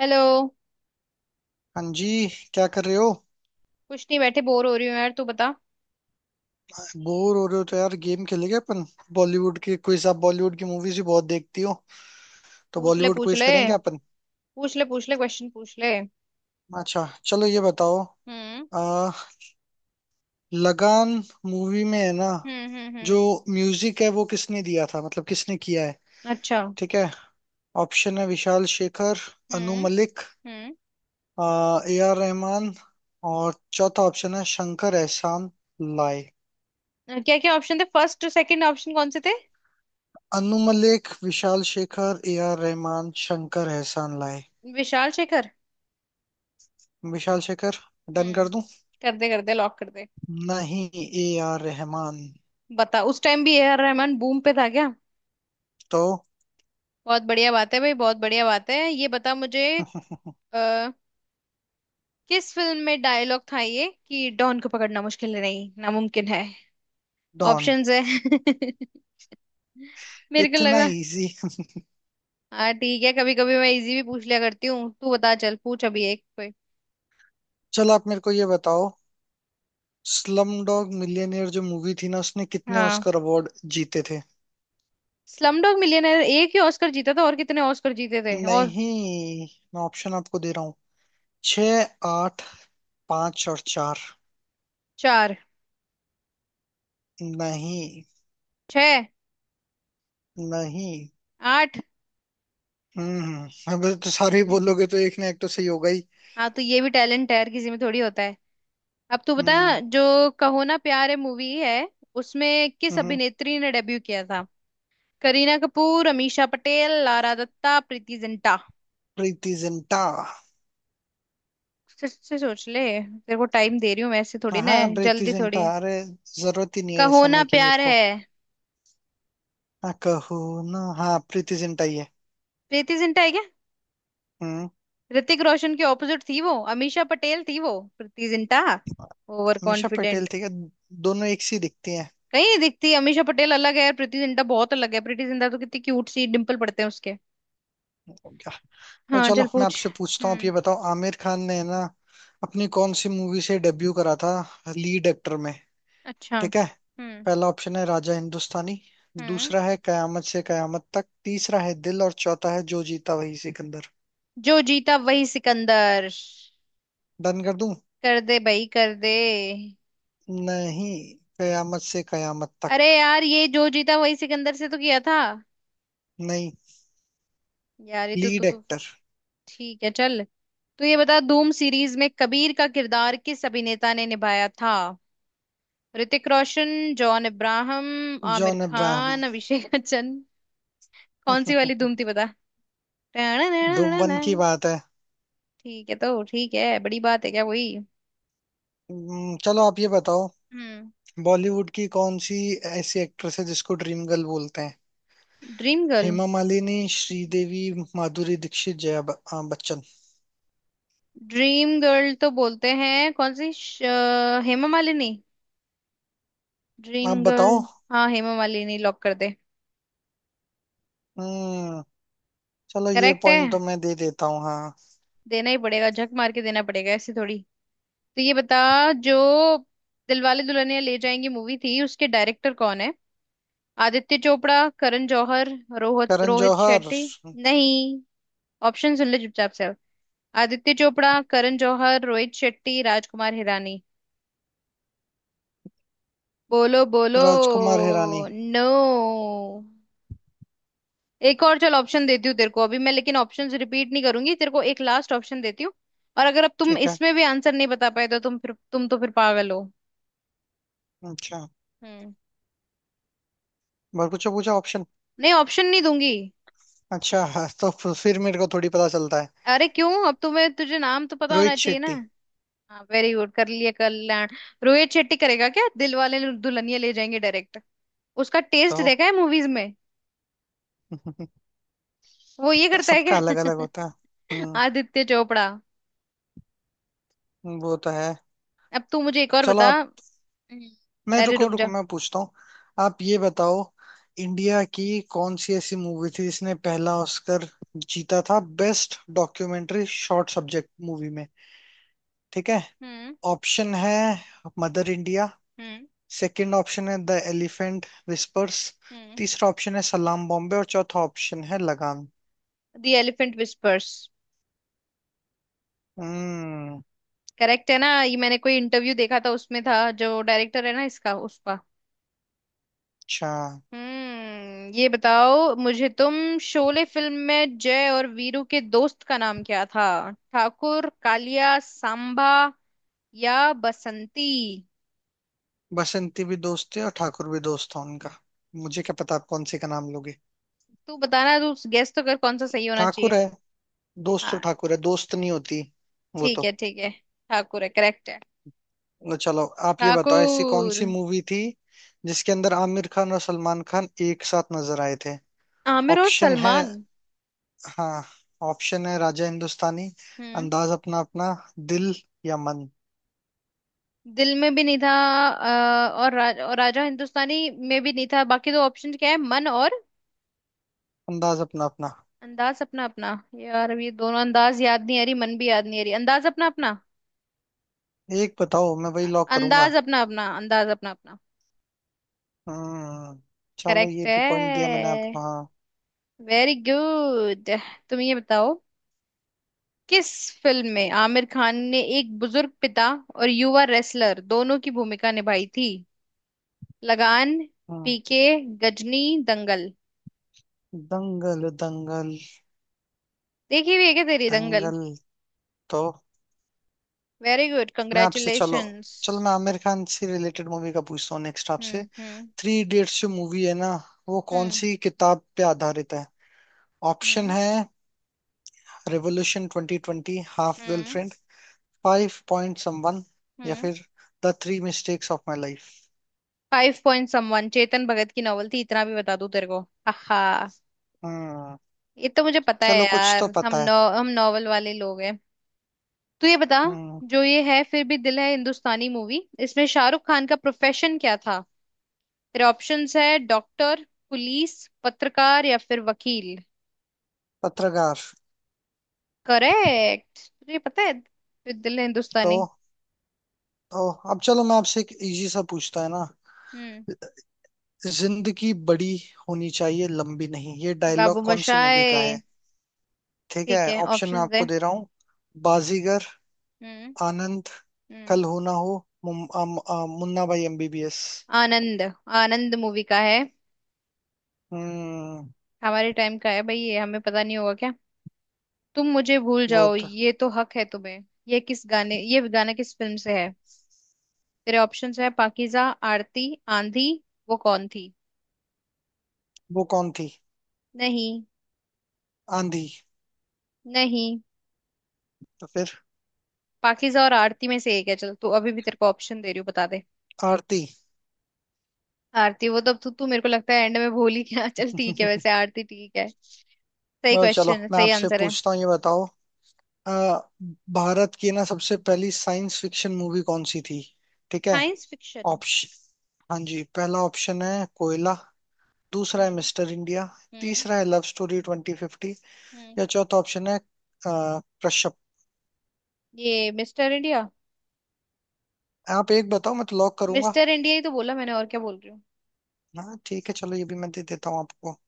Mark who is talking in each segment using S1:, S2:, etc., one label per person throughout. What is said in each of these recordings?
S1: Hello.
S2: हाँ जी। क्या कर रहे हो?
S1: कुछ नहीं, बैठे बोर हो रही हूँ यार, तू बता।
S2: बोर हो रहे हो तो यार गेम खेलेंगे अपन। बॉलीवुड की क्विज, आप बॉलीवुड की मूवीज ही बहुत देखती हो तो
S1: पूछ ले
S2: बॉलीवुड
S1: पूछ
S2: क्विज
S1: ले।
S2: करेंगे अपन।
S1: पूछ ले पूछ ले क्वेश्चन पूछ ले।
S2: अच्छा चलो ये बताओ,
S1: हम्म,
S2: आ, लगान मूवी में है ना,
S1: हम्म, हम्म, हम्म।
S2: जो म्यूजिक है वो किसने दिया था, मतलब किसने किया है?
S1: अच्छा।
S2: ठीक है। ऑप्शन है विशाल शेखर, अनु
S1: हम्म,
S2: मलिक,
S1: हम्म।
S2: ए आर रहमान, और चौथा ऑप्शन है शंकर एहसान लाए।
S1: क्या क्या ऑप्शन थे? फर्स्ट सेकंड ऑप्शन कौन से थे?
S2: Anu Malik, Vishal Shekhar, A R Rahman, Shankar Ehsaan Loy.
S1: Vishal Shekhar.
S2: Vishal Shekhar. Done कर
S1: हम्म।
S2: दूं?
S1: कर दे, कर दे, लॉक कर दे।
S2: नहीं, ए आर रहमान।
S1: बता, उस टाइम भी ए आर रहमान बूम पे था क्या?
S2: तो?
S1: बहुत बढ़िया बात है भाई, बहुत बढ़िया बात है। ये बता मुझे। आ, किस फिल्म में डायलॉग था ये, कि डॉन को पकड़ना मुश्किल नहीं, नामुमकिन है?
S2: डॉन।
S1: ऑप्शंस है। मेरे को
S2: इतना
S1: लगा।
S2: इजी?
S1: हाँ ठीक है, कभी कभी मैं इजी भी पूछ लिया करती हूँ। तू बता, चल पूछ अभी एक कोई।
S2: चलो आप मेरे को ये बताओ, स्लम डॉग मिलियनेयर जो मूवी थी ना, उसने कितने
S1: हाँ।
S2: ऑस्कर अवार्ड जीते थे?
S1: स्लम डॉग मिलियनेयर एक ही ऑस्कर जीता था, और कितने ऑस्कर जीते थे और?
S2: नहीं, मैं ऑप्शन आपको दे रहा हूँ। छ, आठ, पांच और चार।
S1: चार।
S2: नहीं।
S1: छह।
S2: नहीं।
S1: आठ।
S2: हम्म, अबे तो सारे ही बोलोगे तो एक ना एक तो सही होगा ही।
S1: हाँ तो ये भी टैलेंट है, हर किसी में थोड़ी होता है। अब तू बता,
S2: हम्म।
S1: जो कहो ना प्यार है मूवी है, उसमें किस
S2: हम्म।
S1: अभिनेत्री ने डेब्यू किया था? करीना कपूर, अमीषा पटेल, लारा दत्ता, प्रीति जिंटा।
S2: प्रीति जिंटा।
S1: फिर से सोच ले, तेरे को टाइम दे रही हूँ मैं, ऐसे थोड़ी ना
S2: हाँ
S1: है,
S2: प्रीति
S1: जल्दी
S2: जिंटा
S1: थोड़ी।
S2: अरे, जरूरत ही नहीं है इस
S1: कहो ना
S2: समय की मेरे
S1: प्यार है।
S2: को। हाँ कहू ना, हाँ प्रीति जिंटा ही है।
S1: प्रीति जिंटा है क्या?
S2: हम्म।
S1: ऋतिक रोशन के ऑपोजिट थी वो, अमीषा पटेल थी वो। प्रीति जिंटा? Over
S2: Meesha Patel
S1: confident.
S2: ठीक है, दोनों एक सी दिखती हैं।
S1: कहीं नहीं दिखती। अमीषा पटेल अलग है, प्रीति जिंटा बहुत अलग है। प्रीति जिंटा तो कितनी क्यूट सी, डिम्पल पड़ते हैं उसके।
S2: क्या। तो
S1: हाँ
S2: चलो
S1: चल
S2: मैं
S1: पूछ।
S2: आपसे पूछता हूँ, आप ये
S1: हम्म।
S2: बताओ, आमिर खान ने ना अपनी कौन सी मूवी से डेब्यू करा था, लीड एक्टर में?
S1: अच्छा।
S2: ठीक है।
S1: हम्म,
S2: पहला ऑप्शन है राजा हिंदुस्तानी,
S1: हम्म।
S2: दूसरा है कयामत से कयामत तक, तीसरा है दिल, और चौथा है जो जीता वही सिकंदर।
S1: जो जीता वही सिकंदर।
S2: डन कर दूं?
S1: कर दे भाई, कर दे।
S2: नहीं, कयामत से कयामत
S1: अरे
S2: तक।
S1: यार, ये जो जीता वही सिकंदर से तो किया था।
S2: नहीं,
S1: यार ये तो, तू
S2: लीड
S1: तो।
S2: एक्टर।
S1: ठीक है चल। तो ये बता, धूम सीरीज में कबीर का किरदार किस अभिनेता ने निभाया था? Hrithik Roshan, John Abraham, Aamir
S2: John Abraham.
S1: Khan, Abhishek Bachchan. कौन सी वाली धूम थी बता?
S2: डुम्बन की
S1: ठीक
S2: बात है।
S1: है तो ठीक है, बड़ी बात है क्या कोई?
S2: चलो आप ये बताओ,
S1: हम्म।
S2: बॉलीवुड की कौन सी ऐसी एक्ट्रेस है जिसको ड्रीम गर्ल बोलते हैं?
S1: Dream girl?
S2: Hema Malini, Sridevi, Madhuri Dixit, Jaya Bachchan.
S1: Dream girl तो बोलते हैं, कौन सी हेमा मालिनी। ड्रीम
S2: आप
S1: गर्ल।
S2: बताओ।
S1: हाँ हेमा मालिनी, लॉक कर दे।
S2: हम्म। चलो ये
S1: करेक्ट है।
S2: पॉइंट तो मैं दे देता हूँ। हाँ।
S1: देना ही पड़ेगा, झक मार के देना पड़ेगा, ऐसे थोड़ी। तो ये बता, जो दिलवाले दुल्हनिया ले जाएंगे मूवी थी उसके डायरेक्टर कौन है? आदित्य चोपड़ा, करण जौहर, रोहित
S2: करण
S1: रोहित
S2: जौहर।
S1: शेट्टी। नहीं, ऑप्शन सुन ले चुपचाप से अब। आदित्य चोपड़ा, करण जौहर, रोहित शेट्टी, राजकुमार हिरानी। बोलो बोलो।
S2: राजकुमार हिरानी।
S1: नो। एक और चल, ऑप्शन देती हूँ तेरे को अभी मैं, लेकिन ऑप्शंस रिपीट नहीं करूंगी। तेरे को एक लास्ट ऑप्शन देती हूँ। और अगर अब तुम
S2: ठीक है।
S1: इसमें भी आंसर नहीं बता पाए, तो तुम फिर, तुम तो फिर पागल हो।
S2: अच्छा।
S1: हम्म।
S2: और कुछ पूछा ऑप्शन?
S1: नहीं, ऑप्शन नहीं दूंगी।
S2: अच्छा। हाँ, तो फिर मेरे को थोड़ी पता चलता है।
S1: अरे क्यों, अब तुम्हें तुझे नाम तो पता होना
S2: रोहित
S1: चाहिए ना।
S2: शेट्टी।
S1: हाँ वेरी गुड, कर लिए कल्याण। रोहित शेट्टी करेगा क्या दिल वाले दुल्हनिया ले जाएंगे डायरेक्ट? उसका
S2: तो
S1: टेस्ट देखा है मूवीज में। वो ये करता है
S2: सबका अलग
S1: क्या?
S2: अलग होता है। हम्म।
S1: आदित्य चोपड़ा।
S2: वो तो है।
S1: अब तू मुझे एक और
S2: चलो
S1: बता।
S2: आप।
S1: हम्म।
S2: मैं
S1: अरे
S2: रुको
S1: रुक
S2: रुको,
S1: जा।
S2: मैं पूछता हूँ। आप ये बताओ, इंडिया की कौन सी ऐसी मूवी थी जिसने पहला ऑस्कर जीता था, best documentary short subject movie में? ठीक है।
S1: हम्म,
S2: ऑप्शन है मदर इंडिया,
S1: हम्म,
S2: सेकंड ऑप्शन है द एलिफेंट विस्पर्स,
S1: हम्म।
S2: तीसरा ऑप्शन है सलाम बॉम्बे, और चौथा ऑप्शन है लगान।
S1: The elephant whispers.
S2: हम्म।
S1: करेक्ट है ना ये? मैंने कोई इंटरव्यू देखा था, उसमें था जो डायरेक्टर है ना इसका, उसका।
S2: अच्छा।
S1: हम्म। ये बताओ मुझे तुम। शोले फिल्म में जय और वीरू के दोस्त का नाम क्या था? ठाकुर, कालिया, सांबा या बसंती?
S2: बसंती भी दोस्त है और ठाकुर भी दोस्त था उनका। मुझे क्या पता आप कौन से का नाम लोगे।
S1: तू बताना, तू गेस तो कर, कौन सा सही होना
S2: ठाकुर
S1: चाहिए।
S2: है, दोस्त तो
S1: हाँ।
S2: ठाकुर है, दोस्त नहीं होती। वो
S1: ठीक है,
S2: तो।
S1: ठीक है। ठाकुर है, करेक्ट है।
S2: तो चलो आप ये बताओ, ऐसी कौन
S1: ठाकुर।
S2: सी मूवी थी जिसके अंदर आमिर खान और सलमान खान एक साथ नजर आए थे?
S1: आमिर और
S2: ऑप्शन है।
S1: सलमान।
S2: हाँ, ऑप्शन है राजा हिंदुस्तानी,
S1: हम्म।
S2: अंदाज अपना अपना, दिल, या मन।
S1: दिल में भी नहीं था। और राजा हिंदुस्तानी में भी नहीं था, बाकी दो ऑप्शन क्या है, मन और?
S2: अंदाज अपना अपना।
S1: अंदाज अपना अपना। यार अब ये दोनों, अंदाज याद नहीं आ रही, मन भी याद नहीं आ रही। अंदाज अपना अपना।
S2: एक बताओ मैं वही लॉक करूंगा।
S1: अंदाज अपना अपना, अंदाज अपना अपना।
S2: हम्म। चलो
S1: करेक्ट
S2: ये
S1: है,
S2: भी पॉइंट दिया मैंने आपको। हाँ।
S1: Very good. तुम ये बताओ, किस फिल्म में आमिर खान ने एक बुजुर्ग पिता और युवा रेसलर दोनों की भूमिका निभाई थी? लगान,
S2: हम्म,
S1: पीके, गजनी, दंगल।
S2: दंगल। दंगल
S1: देखी हुई है क्या तेरी दंगल?
S2: दंगल। तो?
S1: वेरी गुड,
S2: मैं आपसे चलो,
S1: कंग्रेचुलेशंस।
S2: चलो मैं आमिर खान से रिलेटेड मूवी का पूछता हूँ नेक्स्ट आपसे।
S1: हम्म, हम्म,
S2: थ्री इडियट्स जो मूवी है ना, वो कौन
S1: हम्म,
S2: सी किताब पे आधारित है? ऑप्शन
S1: हम्म,
S2: है रेवोल्यूशन 2020, हाफ
S1: हम्म,
S2: गर्लफ्रेंड, फाइव पॉइंट समवन, या
S1: हम्म।
S2: फिर द थ्री मिस्टेक्स ऑफ माई लाइफ।
S1: फाइव पॉइंट समवन चेतन भगत की नॉवल थी, इतना भी बता दूं तेरे को। आहा।
S2: हम्म।
S1: ये तो मुझे पता है
S2: चलो कुछ तो
S1: यार।
S2: पता है।
S1: हम नॉवल वाले लोग हैं। तू ये बता,
S2: हम्म।
S1: जो ये है फिर भी दिल है हिंदुस्तानी मूवी, इसमें शाहरुख खान का प्रोफेशन क्या था? तेरे ऑप्शंस है डॉक्टर, पुलिस, पत्रकार या फिर वकील।
S2: पत्रकार।
S1: करेक्ट, तुझे पता है फिर दिल
S2: तो।
S1: हिंदुस्तानी।
S2: तो अब चलो मैं आपसे एक इजी सा पूछता है ना।
S1: हम्म।
S2: जिंदगी बड़ी होनी चाहिए, लंबी नहीं, ये
S1: बाबू
S2: डायलॉग कौन सी
S1: मोशाय।
S2: मूवी का है? ठीक है।
S1: ठीक है,
S2: ऑप्शन मैं
S1: ऑप्शंस दे।
S2: आपको दे रहा हूँ। बाजीगर,
S1: हम्म,
S2: आनंद,
S1: हम्म।
S2: कल हो ना हो, मुन्ना भाई एमबीबीएस।
S1: आनंद। आनंद मूवी का है।
S2: हम्म।
S1: हमारे टाइम का है भाई, ये हमें पता नहीं होगा क्या? तुम मुझे भूल
S2: वो
S1: जाओ,
S2: तो।
S1: ये तो हक है तुम्हें। ये गाना किस फिल्म से है? तेरे ऑप्शंस है पाकीज़ा, आरती, आंधी, वो कौन थी।
S2: वो कौन थी?
S1: नहीं,
S2: आंधी।
S1: नहीं।
S2: तो फिर?
S1: पाकीज़ा और आरती में से एक है, चल तू अभी भी तेरे को ऑप्शन दे रही हूँ, बता दे।
S2: आरती।
S1: आरती। वो तो, तू तू मेरे को लगता है एंड में भूल ही गया। चल ठीक है, वैसे आरती ठीक है। सही
S2: और चलो
S1: क्वेश्चन है,
S2: मैं
S1: सही
S2: आपसे
S1: आंसर है।
S2: पूछता हूँ, ये बताओ, अ, भारत की ना सबसे पहली साइंस फिक्शन मूवी कौन सी थी? ठीक है।
S1: Science fiction.
S2: ऑप्शन। हाँ जी, पहला ऑप्शन है कोयला, दूसरा है
S1: हम्म,
S2: मिस्टर इंडिया,
S1: हम्म,
S2: तीसरा है लव स्टोरी ट्वेंटी फिफ्टी,
S1: हम्म।
S2: या चौथा ऑप्शन है कश्यप।
S1: ये मिस्टर इंडिया।
S2: आप एक बताओ मैं तो लॉक करूंगा।
S1: मिस्टर इंडिया ही तो बोला मैंने, और क्या बोल रही हूँ?
S2: हाँ ठीक है, चलो ये भी मैं दे देता हूँ आपको।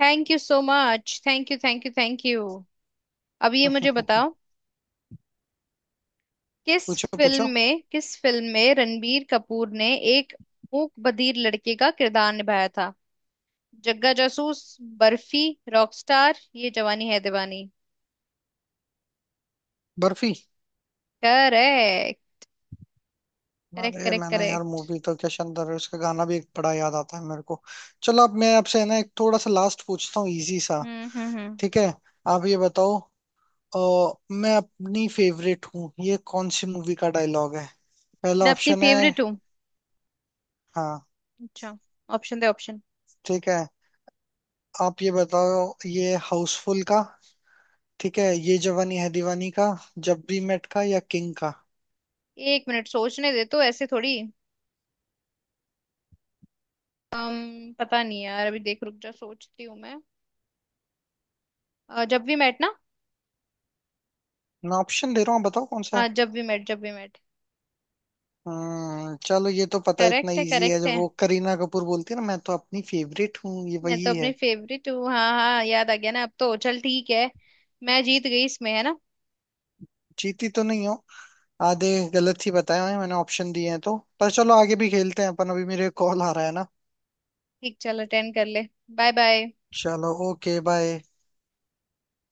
S1: Thank you so much, thank you, thank you, thank you. अब ये मुझे बताओ। किस
S2: पूछो
S1: फिल्म
S2: पूछो।
S1: में किस फिल्म में रणबीर कपूर ने एक मूक बधिर लड़के का किरदार निभाया था? जग्गा जासूस, बर्फी, रॉकस्टार, ये जवानी है दीवानी।
S2: बर्फी।
S1: करेक्ट, करेक्ट,
S2: अरे
S1: करेक्ट,
S2: मैंने यार,
S1: करेक्ट।
S2: मूवी तो क्या शानदार है, उसका गाना भी एक बड़ा याद आता है मेरे को। चलो अब मैं आपसे है ना एक थोड़ा सा लास्ट पूछता हूँ, इजी सा।
S1: हम्म, हम्म, हम्म।
S2: ठीक है। आप ये बताओ, अ, मैं अपनी फेवरेट हूँ, ये कौन सी मूवी का डायलॉग है? पहला
S1: मैं अपनी
S2: ऑप्शन है।
S1: फेवरेट हूँ?
S2: हाँ
S1: अच्छा, ऑप्शन दे, ऑप्शन।
S2: ठीक है। आप ये बताओ, ये हाउसफुल का, ठीक है, ये जवानी है दीवानी का, जब वी मेट का, या किंग का?
S1: एक मिनट सोचने दे, तो ऐसे थोड़ी। अम पता नहीं यार, अभी देख रुक जा, सोचती हूँ मैं। जब भी मैट ना।
S2: मैं ऑप्शन दे रहा हूँ, आप बताओ कौन सा
S1: हाँ
S2: है।
S1: जब भी मैट, जब भी मैट।
S2: हम्म। चलो ये तो पता, इतना
S1: करेक्ट है,
S2: इजी है,
S1: करेक्ट
S2: जब
S1: है।
S2: वो करीना कपूर बोलती है ना मैं तो अपनी फेवरेट हूँ, ये
S1: मैं तो
S2: वही
S1: अपनी
S2: है।
S1: फेवरेट हूँ, हाँ हाँ, याद आ गया ना, अब तो चल ठीक है। मैं जीत गई इसमें, है ना?
S2: जीती तो नहीं हो। आधे गलत ही बताए हैं मैंने, ऑप्शन दिए हैं तो, पर चलो आगे भी खेलते हैं अपन, अभी मेरे कॉल आ रहा है ना।
S1: ठीक, चल अटेंड कर ले। Bye bye.
S2: चलो ओके बाय।